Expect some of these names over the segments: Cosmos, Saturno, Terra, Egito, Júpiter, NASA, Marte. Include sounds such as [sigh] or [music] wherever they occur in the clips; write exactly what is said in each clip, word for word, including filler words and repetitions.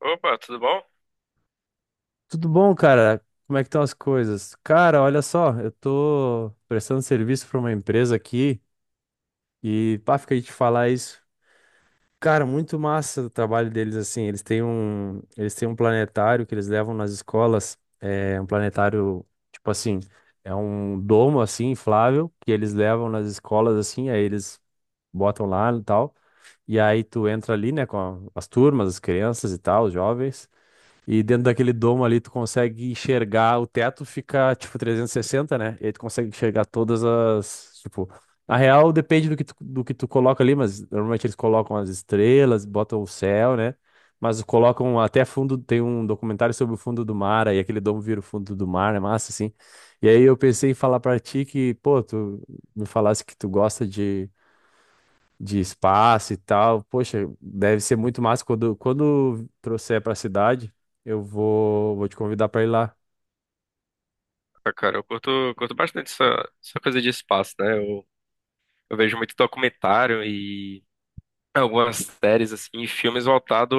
Opa, tudo bom? Tudo bom, cara? Como é que estão as coisas? Cara, olha só, eu tô prestando serviço para uma empresa aqui e pá, fica de te falar isso. Cara, muito massa o trabalho deles assim. Eles têm um, eles têm um planetário que eles levam nas escolas, é um planetário tipo assim, é um domo assim inflável que eles levam nas escolas assim, aí eles botam lá e tal. E aí tu entra ali, né, com a- as turmas, as crianças e tal, os jovens. E dentro daquele domo ali, tu consegue enxergar, o teto fica, tipo, trezentos e sessenta, né? E aí tu consegue enxergar todas as, tipo... Na real, depende do que tu, do que tu coloca ali, mas normalmente eles colocam as estrelas, botam o céu, né? Mas colocam até fundo, tem um documentário sobre o fundo do mar, aí aquele domo vira o fundo do mar, é massa, assim. E aí eu pensei em falar pra ti que, pô, tu me falasse que tu gosta de de espaço e tal. Poxa, deve ser muito massa. Quando, quando trouxer para a cidade, eu vou, vou te convidar para ir lá. Ah, cara, eu curto, curto bastante essa, essa coisa de espaço, né? Eu, eu vejo muito documentário e algumas séries, assim, e filmes voltados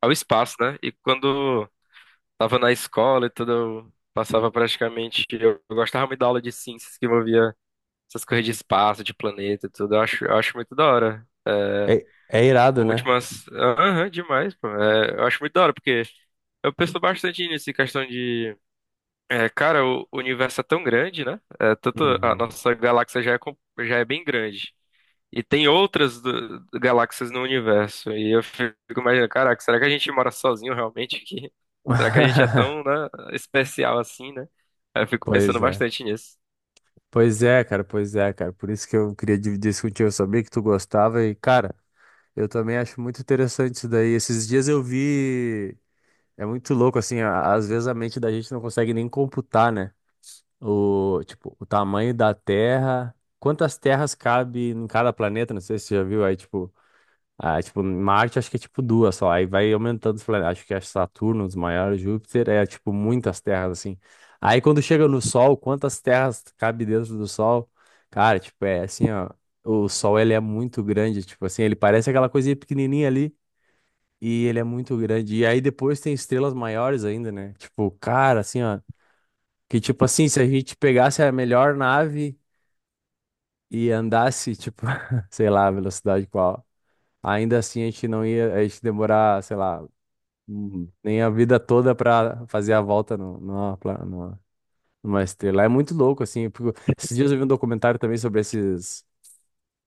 ao espaço, né? E quando tava na escola e tudo, eu passava praticamente. Eu, eu gostava muito da aula de ciências que envolvia essas coisas de espaço, de planeta e tudo. Eu acho, eu acho muito da hora. É, É, é irado, né? últimas. Aham, demais, pô. É, eu acho muito da hora, porque eu penso bastante nisso, em questão de. É, cara, o o universo é tão grande, né? É, tanto a Uhum. nossa galáxia já é, com- já é bem grande. E tem outras do- galáxias no universo. E eu fico imaginando, caraca, será que a gente mora sozinho realmente aqui? [laughs] Será que a gente é tão, né, [laughs] especial assim, né? Aí eu fico pensando Pois é. bastante nisso. Pois é, cara, pois é, cara. Por isso que eu queria dividir isso contigo. Eu sabia que tu gostava e, cara, eu também acho muito interessante isso daí. Esses dias eu vi. É muito louco, assim, a- às vezes a mente da gente não consegue nem computar, né? O, tipo, o tamanho da Terra, quantas terras cabe em cada planeta, não sei se você já viu, aí tipo, ah, tipo, Marte acho que é tipo duas só, aí vai aumentando os planetas, acho que é Saturno, os maiores, Júpiter, é tipo muitas terras assim. Aí quando chega no Sol, quantas terras cabe dentro do Sol? Cara, tipo, é assim, ó, o Sol ele é muito grande, tipo assim, ele parece aquela coisinha pequenininha ali. E ele é muito grande. E aí depois tem estrelas maiores ainda, né? Tipo, cara, assim, ó. Que tipo assim, se a gente pegasse a melhor nave e andasse, tipo, [laughs] sei lá, a velocidade qual, ainda assim a gente não ia, a gente demorar, sei lá, hum, nem a vida toda pra fazer a volta no, numa, pla- numa, numa estrela. É muito louco, assim, porque esses dias eu vi um documentário também sobre esses.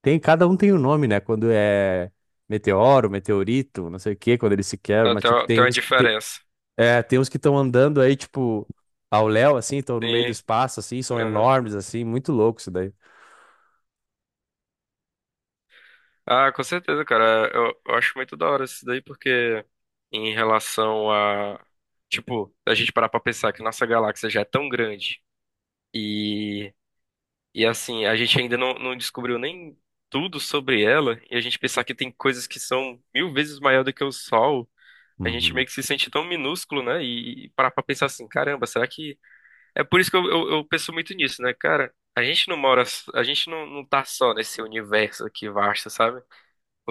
Tem, cada um tem um nome, né? Quando é meteoro, meteorito, não sei o quê, quando eles se quebram, Ah, mas Tem tipo, uma, tem tem uma uns que tem, diferença. é, tem uns que estão andando aí, tipo, ao léu, assim, estão no meio do Sim. espaço, assim, são Aham. enormes, assim, muito louco isso daí. Ah, com certeza, cara. Eu, eu acho muito da hora isso daí, porque em relação a. Tipo, a gente parar pra pensar que nossa galáxia já é tão grande. e E assim, a gente ainda não, não descobriu nem tudo sobre ela, e a gente pensar que tem coisas que são mil vezes maior do que o Sol, a gente Uhum. meio que se sente tão minúsculo, né? E, e parar pra pensar assim, caramba, será que. É por isso que eu, eu, eu penso muito nisso, né, cara? A gente não mora, a gente não, não tá só nesse universo aqui vasto, sabe?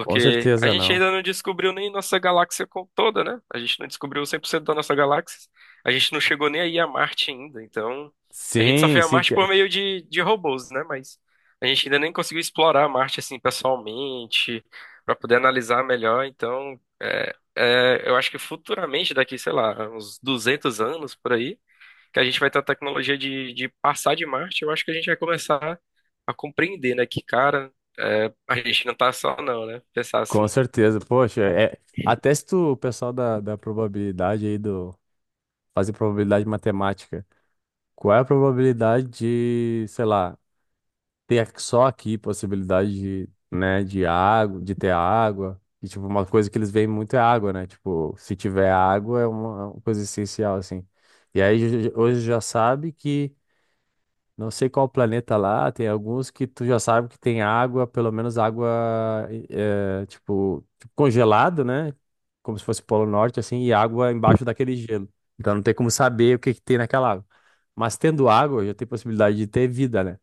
Com a certeza gente não. ainda não descobriu nem nossa galáxia co- toda, né? A gente não descobriu cem por cento da nossa galáxia. A gente não chegou nem aí a Marte ainda. Então, a gente só Sim, foi a sim, Marte por que- meio de, de robôs, né? Mas a gente ainda nem conseguiu explorar a Marte assim pessoalmente, para poder analisar melhor. Então, é, é, eu acho que futuramente, daqui, sei lá, uns duzentos anos por aí, que a gente vai ter a tecnologia de, de passar de Marte, eu acho que a gente vai começar a compreender, né? Que, cara, é, a gente não tá só, não, né? Pensar com assim. certeza. Poxa, é, até se tu, o pessoal da, da probabilidade aí do, fazer probabilidade matemática, qual é a probabilidade de, sei lá, ter só aqui possibilidade de, né, de água, de ter água. E, tipo, uma coisa que eles veem muito é água, né? Tipo, se tiver água é uma, é uma coisa essencial, assim. E aí ju- hoje já sabe que, não sei qual planeta lá, tem alguns que tu já sabe que tem água, pelo menos água, eh, tipo, tipo congelado, né? Como se fosse Polo Norte, assim, e água embaixo daquele gelo. Então não tem como saber o que que tem naquela água. Mas tendo água, já tem possibilidade de ter vida, né?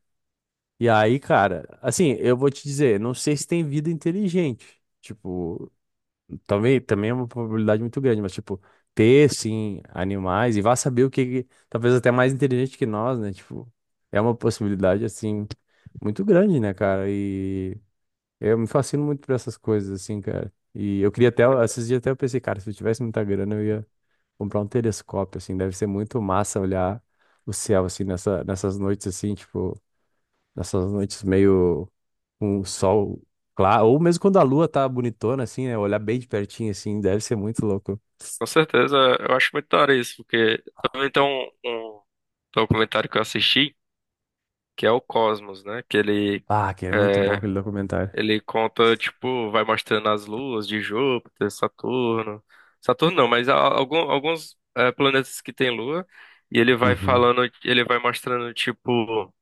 E aí, cara, assim, eu vou te dizer, não sei se tem vida inteligente. Tipo, também, também é uma probabilidade muito grande, mas, tipo, ter, sim, animais, e vá saber o que, que- talvez até mais inteligente que nós, né? Tipo, é uma possibilidade, assim, muito grande, né, cara? E eu me fascino muito por essas coisas, assim, cara. E eu queria até, esses É, dias até eu pensei, cara, se eu tivesse muita grana, eu ia comprar um telescópio, assim, deve ser muito massa olhar o céu, assim, nessa, nessas noites, assim, tipo, nessas noites meio com o sol claro, ou mesmo quando a lua tá bonitona, assim, né? Olhar bem de pertinho, assim, deve ser muito louco. com certeza, eu acho muito da hora isso, porque também tem um, um documentário que eu assisti, que é o Cosmos, né? Que ele, Ah, que é muito bom é, aquele documentário. Ele conta, tipo, vai mostrando as luas de Júpiter, Saturno. Saturno não, mas a- algum, alguns é, planetas que têm lua, e ele vai Uhum. falando, ele vai mostrando, tipo.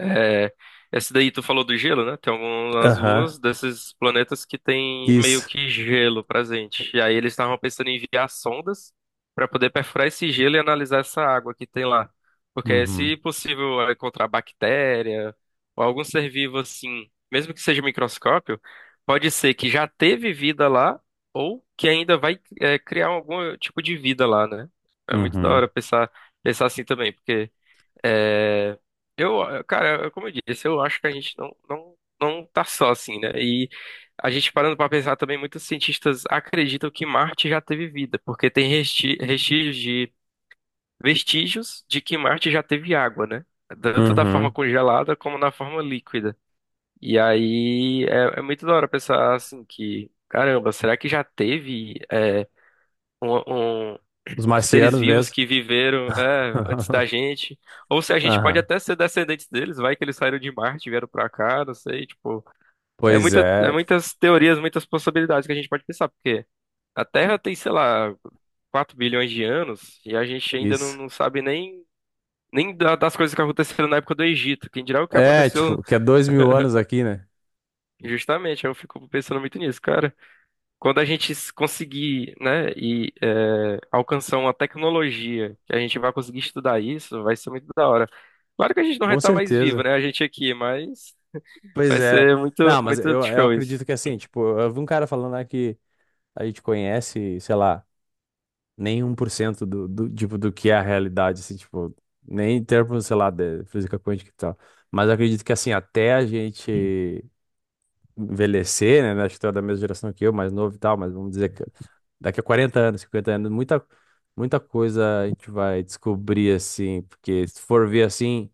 É, essa daí tu falou do gelo, né? Tem algumas Aham. luas desses planetas que tem meio Isso. que gelo presente. E aí eles estavam pensando em enviar sondas para poder perfurar esse gelo e analisar essa água que tem lá. Porque Uhum. se possível é encontrar bactéria ou algum ser vivo assim, mesmo que seja microscópio, pode ser que já teve vida lá ou que ainda vai é, criar algum tipo de vida lá, né? É muito da hora Uhum. pensar, Pensar assim também, porque. É, eu, cara, como eu disse, eu acho que a gente não, não, não tá só assim, né? E a gente parando pra pensar também, muitos cientistas acreditam que Marte já teve vida, porque tem resti- vestígios de vestígios de que Marte já teve água, né? Tanto da forma Uhum. congelada como na forma líquida. E aí é, é muito da hora pensar assim que, caramba, será que já teve é, um, um Os seres marcianos vivos mesmo. que viveram, é, antes da [laughs] gente, ou se a gente pode Aham. até ser descendentes deles, vai que eles saíram de Marte, e vieram pra cá, não sei, tipo, é Pois muita, é é, muitas teorias, muitas possibilidades que a gente pode pensar, porque a Terra tem, sei lá, quatro bilhões de anos e a gente ainda não, isso. não sabe nem nem da- das coisas que aconteceram na época do Egito. Quem dirá o que É, aconteceu tipo, que é dois mil anos aqui, né? justamente? Eu fico pensando muito nisso, cara. Quando a gente s- conseguir, né, e é, alcançar uma tecnologia que a gente vai conseguir estudar isso, vai ser muito da hora. Claro que a gente não vai Com estar mais vivo, certeza. né, a gente aqui, mas Pois vai é. ser muito, Não, mas muito eu, eu show isso. acredito que assim, tipo, eu vi um cara falando lá que a gente conhece, sei lá, nem um 1% do, do, tipo, do que é a realidade, assim, tipo, nem em termos, sei lá, de física quântica e tal. Mas eu acredito que, assim, até a gente envelhecer, né? né, Acho que tu é da mesma geração que eu, mais novo e tal, mas vamos dizer que daqui a quarenta anos, cinquenta anos, muita, muita coisa a gente vai descobrir, assim, porque se for ver assim.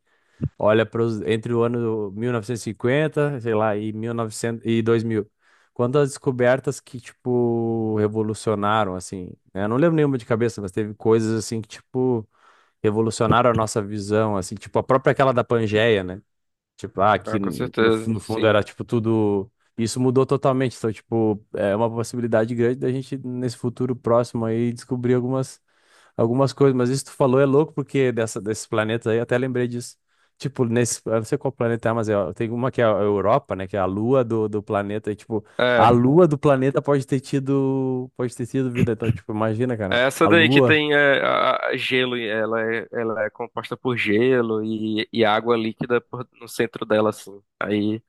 Olha pros, entre o ano mil novecentos e cinquenta, sei lá, e mil e novecentos e dois mil. Quantas descobertas que, tipo, revolucionaram, assim, né? Eu não lembro nenhuma de cabeça, mas teve coisas, assim, que, tipo, revolucionaram a nossa visão, assim, tipo, a própria aquela da Pangeia, né? Tipo, ah, que Ah, com no, no certeza, fundo sim. era, tipo, tudo... Isso mudou totalmente, então, tipo, é uma possibilidade grande da gente, nesse futuro próximo aí, descobrir algumas algumas coisas, mas isso que tu falou é louco, porque dessa, desses planetas aí, eu até lembrei disso. Tipo, nesse, eu não sei qual planeta é, mas é, tem uma que é a Europa, né, que é a lua do, do planeta, e tipo, É, a lua do planeta pode ter tido, pode ter tido vida, então, tipo, imagina, cara, é a essa daí que lua. tem é, a- a- gelo, e ela é, ela é composta por gelo e, e água líquida por- no centro dela, assim. Aí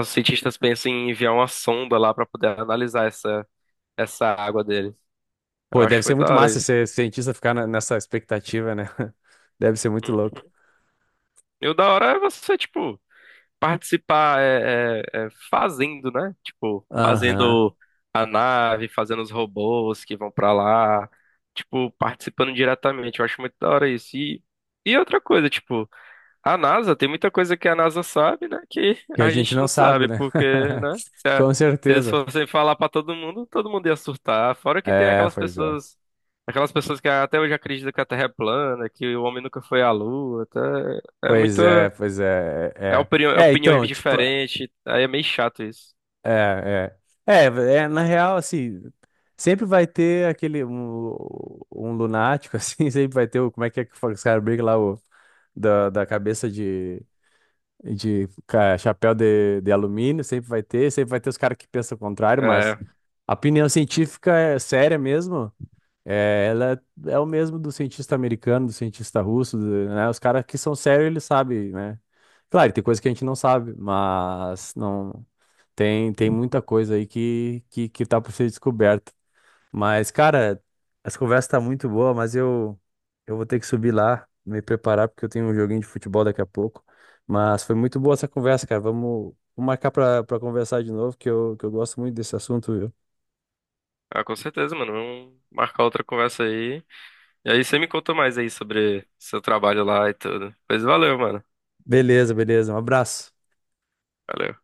os cientistas pensam em enviar uma sonda lá para poder analisar essa, essa água dele. Eu Pô, acho deve ser muito da muito hora massa isso. ser cientista ficar na- nessa expectativa, né? [laughs] Deve ser muito louco. E o da hora é você, tipo, participar é, é- é fazendo, né? Tipo, Aham. fazendo a nave, fazendo os robôs que vão pra lá, tipo, participando diretamente. Eu acho muito da hora isso. E, e outra coisa, tipo. A NASA, tem muita coisa que a NASA sabe, né? Que Que a a gente gente não não sabe, sabe, né? porque, [laughs] né? Se, a- Com Se eles certeza. fossem falar pra todo mundo, todo mundo ia surtar. Fora que tem É, aquelas pois é. pessoas, aquelas pessoas que até hoje acreditam que a Terra é plana, que o homem nunca foi à Lua, tá? É Pois muito, é, pois é, é. é opinião, É, é, opiniões então, tipo, diferentes, aí é meio chato isso. é, é. É, é, na real, assim, sempre vai ter aquele, um, um lunático, [laughs] assim, sempre vai ter o, como é que é que fala, os caras brincam lá, o, da, da cabeça de, de ca- chapéu de, de alumínio, sempre vai ter, sempre vai ter os caras que pensam o contrário, mas É, a opinião científica é séria mesmo, é, ela é é o mesmo do cientista americano, do cientista russo, do- né, os caras que são sérios, eles sabem, né, claro, tem coisa que a gente não sabe, mas não... Tem, tem muita coisa aí que, que, que tá por ser descoberta. Mas, cara, essa conversa tá muito boa, mas eu, eu vou ter que subir lá, me preparar, porque eu tenho um joguinho de futebol daqui a pouco. Mas foi muito boa essa conversa, cara. Vamos, vamos marcar pra, pra conversar de novo, que eu, que eu gosto muito desse assunto, viu? ah, com certeza, mano. Vamos marcar outra conversa aí. E aí você me conta mais aí sobre seu trabalho lá e tudo. Pois valeu, mano. Beleza, beleza. Um abraço. Valeu.